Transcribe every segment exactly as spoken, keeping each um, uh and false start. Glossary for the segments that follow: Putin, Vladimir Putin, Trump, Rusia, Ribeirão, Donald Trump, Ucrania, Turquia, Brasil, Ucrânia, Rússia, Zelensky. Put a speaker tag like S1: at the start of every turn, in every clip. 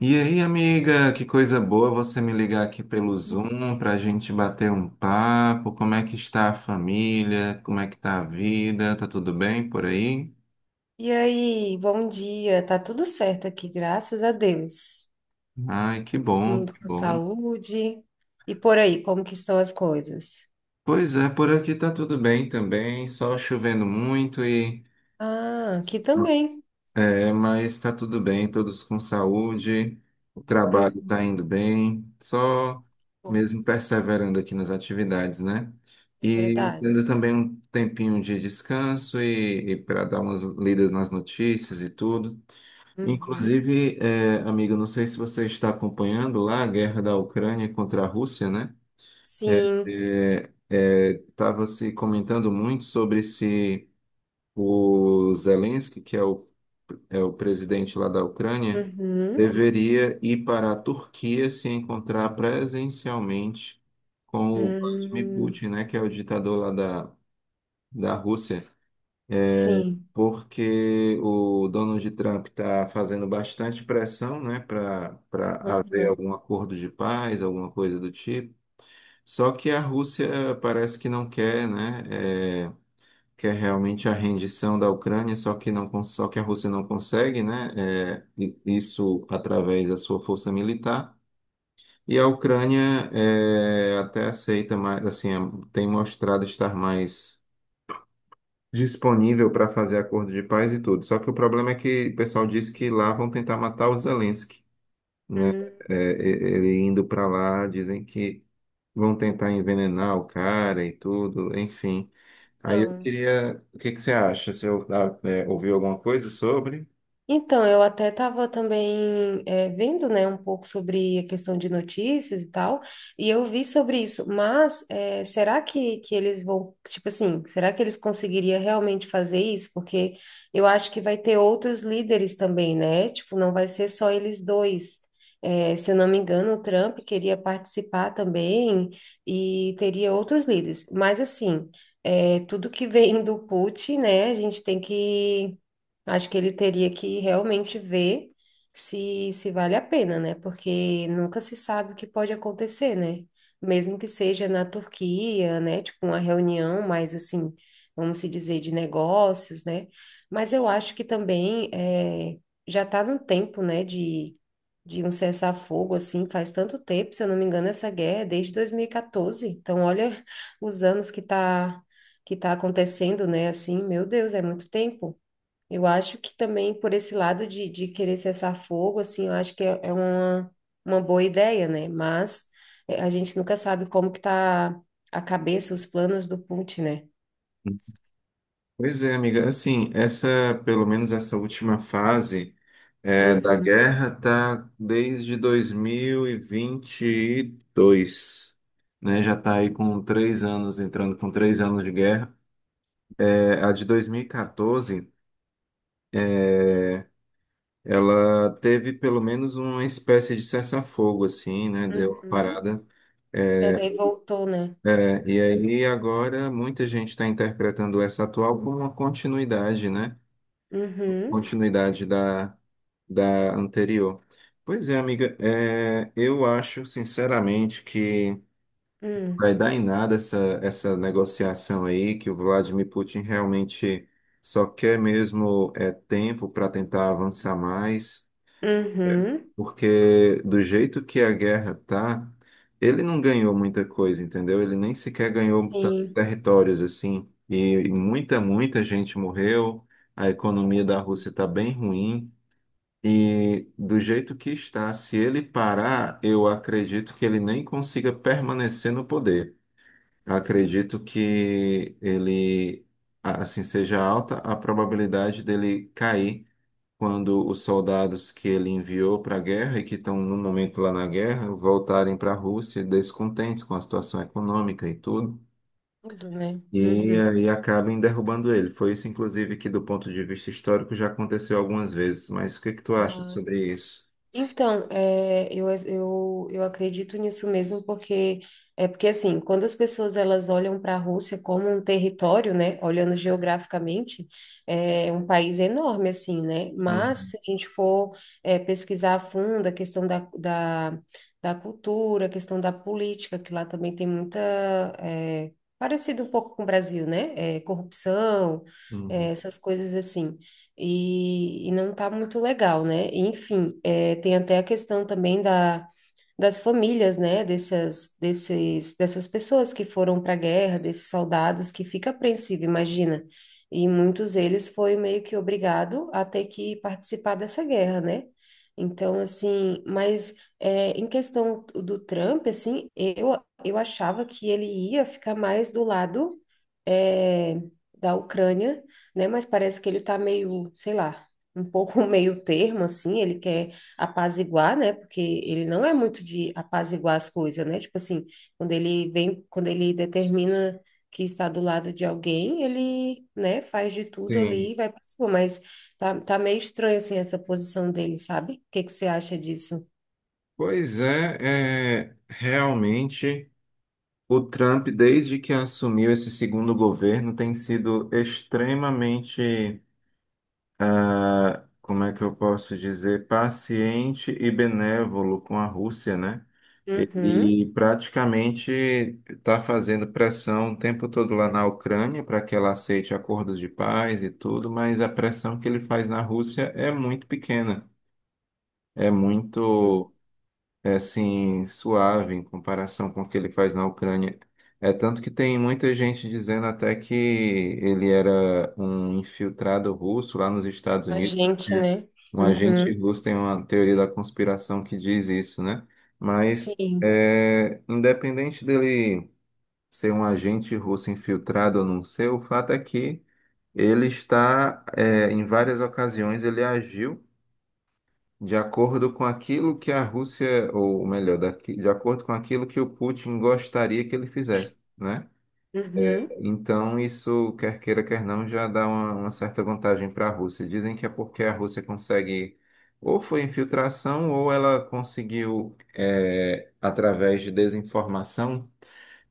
S1: E aí, amiga, que coisa boa você me ligar aqui pelo Zoom para a gente bater um papo. Como é que está a família? Como é que está a vida? Tá tudo bem por aí?
S2: E aí, bom dia. Tá tudo certo aqui, graças a Deus.
S1: Ai, que bom,
S2: Mundo
S1: que
S2: com
S1: bom.
S2: saúde. E por aí, como que estão as coisas?
S1: Pois é, por aqui tá tudo bem também, só chovendo muito e
S2: Ah, aqui também.
S1: É, mas está tudo bem, todos com saúde, o trabalho
S2: Uhum.
S1: está indo bem, só
S2: Bom.
S1: mesmo perseverando aqui nas atividades, né?
S2: É
S1: E
S2: verdade.
S1: tendo também um tempinho de descanso e para dar umas lidas nas notícias e tudo.
S2: Uhum.
S1: Inclusive, é, amigo, não sei se você está acompanhando lá a guerra da Ucrânia contra a Rússia, né?
S2: Sim.
S1: É, estava se comentando muito sobre se o Zelensky, que é o é o presidente lá da Ucrânia,
S2: Uhum.
S1: deveria ir para a Turquia se encontrar presencialmente com o Vladimir
S2: Hum.
S1: Putin, né, que é o ditador lá da, da Rússia,
S2: Sim.
S1: porque o Donald Trump está fazendo bastante pressão, né, para para haver
S2: Uhum.
S1: algum acordo de paz, alguma coisa do tipo. Só que a Rússia parece que não quer, né? é, que é realmente a rendição da Ucrânia, só que não, cons- só que a Rússia não consegue, né? É, i- isso através da sua força militar. E a Ucrânia é, até aceita mais, assim, é, tem mostrado estar mais disponível para fazer acordo de paz e tudo. Só que o problema é que o pessoal diz que lá vão tentar matar o Zelensky, né?
S2: Hum.
S1: É, e- ele indo para lá, dizem que vão tentar envenenar o cara e tudo, enfim. Aí eu
S2: Então.
S1: queria, o que que você acha? Você eu ah, é, ouviu alguma coisa sobre?
S2: Então, eu até estava também eh, vendo, né, um pouco sobre a questão de notícias e tal, e eu vi sobre isso, mas eh, será que, que eles vão, tipo assim, será que eles conseguiriam realmente fazer isso? Porque eu acho que vai ter outros líderes também, né? Tipo, não vai ser só eles dois. Eh, se eu não me engano, o Trump queria participar também e teria outros líderes, mas assim, eh, tudo que vem do Putin, né, a gente tem que... Acho que ele teria que realmente ver se, se vale a pena, né? Porque nunca se sabe o que pode acontecer, né? Mesmo que seja na Turquia, né? Tipo, uma reunião mais assim, vamos se dizer, de negócios, né? Mas eu acho que também é, já está no tempo, né? De, de um cessar-fogo, assim, faz tanto tempo, se eu não me engano, essa guerra é desde dois mil e quatorze. Então, olha os anos que tá, que tá acontecendo, né? Assim, meu Deus, é muito tempo. Eu acho que também por esse lado de, de querer cessar fogo, assim, eu acho que é, é uma, uma boa ideia, né? Mas eh, a gente nunca sabe como que tá a cabeça, os planos do Putin, né?
S1: Pois é, amiga. Assim, essa, pelo menos essa última fase é, da
S2: Uhum.
S1: guerra tá desde dois mil e e vinte e dois, né? Já tá aí com três anos, entrando com três anos de guerra. É, a de dois mil e catorze, ela teve pelo menos uma espécie de cessar-fogo, assim, né? Deu uma
S2: Uhum.
S1: parada.
S2: É,
S1: É,
S2: daí voltou, né?
S1: É, e aí agora muita gente está interpretando essa atual como uma continuidade, né?
S2: Uhum.
S1: Continuidade da, da anterior. Pois é, amiga, é, eu acho sinceramente que
S2: Uhum.
S1: vai dar em nada essa, essa negociação aí, que o Vladimir Putin realmente só quer mesmo é, tempo para tentar avançar mais.
S2: Uhum.
S1: Porque do jeito que a guerra tá, ele não ganhou muita coisa, entendeu? Ele nem sequer ganhou tantos
S2: Sim,
S1: territórios assim. E, e muita, muita gente morreu. A economia da Rússia está bem ruim. E do jeito que está, se ele parar, eu acredito que ele nem consiga permanecer no poder. Acredito que ele, assim, seja alta a probabilidade dele cair quando os soldados que ele enviou para a guerra e que estão no momento lá na guerra voltarem para a Rússia descontentes com a situação econômica e tudo,
S2: tudo, né?
S1: e
S2: Uhum.
S1: aí acabem derrubando ele. Foi isso, inclusive, que do ponto de vista histórico já aconteceu algumas vezes. Mas o que que tu acha sobre isso?
S2: Então, é, eu, eu, eu acredito nisso mesmo, porque é porque assim, quando as pessoas elas olham para a Rússia como um território, né, olhando geograficamente, é um país enorme assim, né? Mas
S1: Uhum,
S2: se a gente for é, pesquisar a fundo a questão da, da, da cultura, a questão da política, que lá também tem muita... é, Parecido um pouco com o Brasil, né? É, corrupção, é,
S1: uhum.
S2: essas coisas assim, e, e não tá muito legal, né? E enfim, é, tem até a questão também da, das famílias, né? Dessas, desses, dessas pessoas que foram para a guerra, desses soldados, que fica apreensivo, imagina. E muitos deles foi meio que obrigado a ter que participar dessa guerra, né? Então, assim, mas é, em questão do Trump, assim, eu, eu achava que ele ia ficar mais do lado é, da Ucrânia, né? Mas parece que ele está meio, sei lá, um pouco meio termo, assim, ele quer apaziguar, né? Porque ele não é muito de apaziguar as coisas, né? Tipo assim, quando ele vem, quando ele determina que está do lado de alguém, ele, né, faz de tudo ali
S1: Sim,
S2: e vai para cima, mas tá, tá meio estranho, assim, essa posição dele, sabe? O que que você acha disso?
S1: pois é, é, realmente o Trump, desde que assumiu esse segundo governo, tem sido extremamente ah, como é que eu posso dizer, paciente e benévolo com a Rússia, né?
S2: Uhum.
S1: Ele praticamente está fazendo pressão o tempo todo lá na Ucrânia para que ela aceite acordos de paz e tudo, mas a pressão que ele faz na Rússia é muito pequena, é
S2: Sim.
S1: muito é assim, suave em comparação com o que ele faz na Ucrânia. É tanto que tem muita gente dizendo até que ele era um infiltrado russo lá nos Estados
S2: A
S1: Unidos,
S2: gente,
S1: né?
S2: né?
S1: Um agente
S2: Uhum.
S1: russo, tem uma teoria da conspiração que diz isso, né? Mas
S2: Sim.
S1: é, independente dele ser um agente russo infiltrado ou não ser, o fato é que ele está, é, em várias ocasiões, ele agiu de acordo com aquilo que a Rússia, ou melhor, daqui- de acordo com aquilo que o Putin gostaria que ele fizesse, né?
S2: Uhum.
S1: Então, isso, quer queira, quer não, já dá uma, uma certa vantagem para a Rússia. Dizem que é porque a Rússia consegue, ou foi infiltração, ou ela conseguiu, eh, através de desinformação,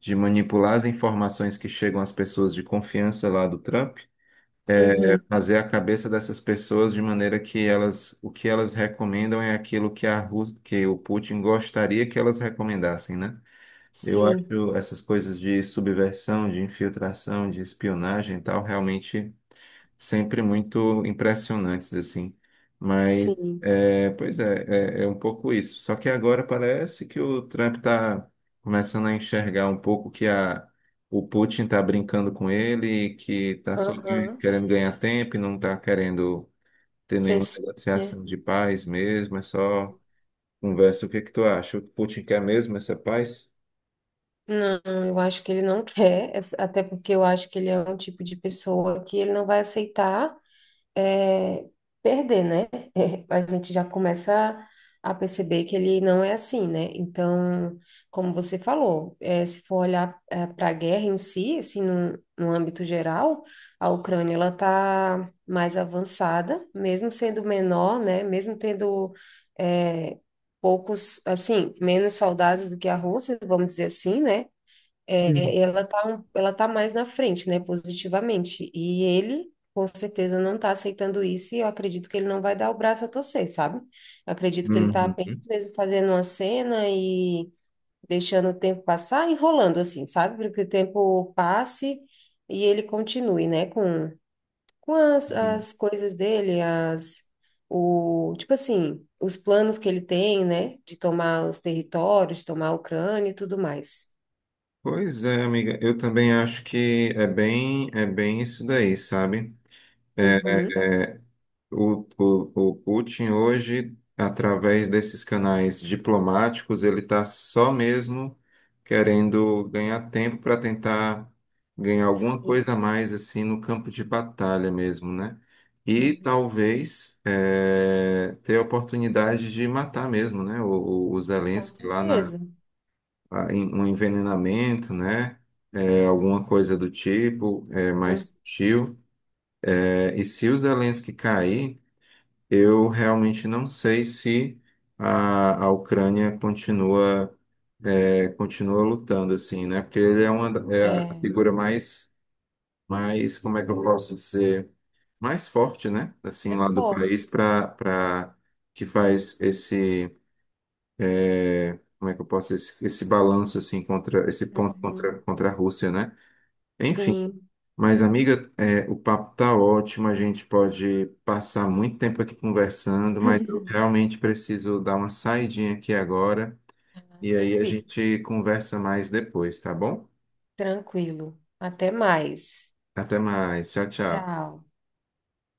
S1: de manipular as informações que chegam às pessoas de confiança lá do Trump,
S2: Uhum.
S1: fazer a cabeça dessas pessoas de maneira que elas, o que elas recomendam é aquilo que a Rus- que o Putin gostaria que elas recomendassem, né? Eu
S2: Sim.
S1: acho essas coisas de subversão, de infiltração, de espionagem e tal realmente sempre muito impressionantes, assim. Mas,
S2: Sim.
S1: é, pois é, é, é um pouco isso. Só que agora parece que o Trump está começando a enxergar um pouco que a, o Putin está brincando com ele, e que está só ganha-
S2: Aham.
S1: querendo ganhar tempo e não está querendo ter
S2: Cê
S1: nenhuma
S2: s- né?
S1: negociação de paz mesmo, é só conversa. O que é que tu acha? O Putin quer mesmo essa paz?
S2: Não, eu acho que ele não quer, essa- até porque eu acho que ele é um tipo de pessoa que ele não vai aceitar. É, perder, né? A gente já começa a perceber que ele não é assim, né? Então, como você falou, é, se for olhar para a guerra em si, assim, no, no âmbito geral, a Ucrânia ela está mais avançada, mesmo sendo menor, né? Mesmo tendo é, poucos, assim, menos soldados do que a Rússia, vamos dizer assim, né?
S1: Hum.
S2: É, ela tá, um- ela tá mais na frente, né, positivamente. E ele, com certeza, não tá aceitando isso e eu acredito que ele não vai dar o braço a torcer, sabe? Eu acredito que ele tá
S1: Uhum.
S2: apenas mesmo fazendo uma cena e deixando o tempo passar, enrolando assim, sabe? Para que o tempo passe e ele continue, né, com, com as, as coisas dele, as, o, tipo assim, os planos que ele tem, né, de tomar os territórios, tomar a Ucrânia e tudo mais.
S1: Pois é, amiga, eu também acho que é bem, é bem isso daí, sabe?
S2: Uhum.
S1: O, o, o Putin hoje, através desses canais diplomáticos, ele está só mesmo querendo ganhar tempo para tentar ganhar alguma
S2: Sim.
S1: coisa a mais assim no campo de batalha mesmo, né? E
S2: Uhum,
S1: talvez eh, ter a oportunidade de matar mesmo, né? O, o o
S2: com
S1: Zelensky lá na
S2: certeza.
S1: a- em- um envenenamento, né? Eh, alguma coisa do tipo, eh, mais
S2: Hum.
S1: sutil. Eh, e se o Zelensky cair, eu realmente não sei se a, a Ucrânia continua, é, continua lutando assim, né? Porque ele é uma da- é a
S2: É,
S1: figura mais, mais, como é que eu posso dizer, mais forte, né? Assim,
S2: mais
S1: lá do
S2: forte.
S1: país, para para que faz esse, é, como é que eu posso, esse, esse balanço assim contra, esse ponto
S2: Uhum,
S1: contra contra a Rússia, né? Enfim.
S2: sim.
S1: Mas, amiga, é, o papo tá ótimo, a gente pode passar muito tempo aqui conversando, mas eu realmente preciso dar uma saidinha aqui agora,
S2: Ah,
S1: e aí a
S2: tranquilo,
S1: gente conversa mais depois, tá bom?
S2: tranquilo. Até mais.
S1: Até mais, tchau, tchau.
S2: Tchau.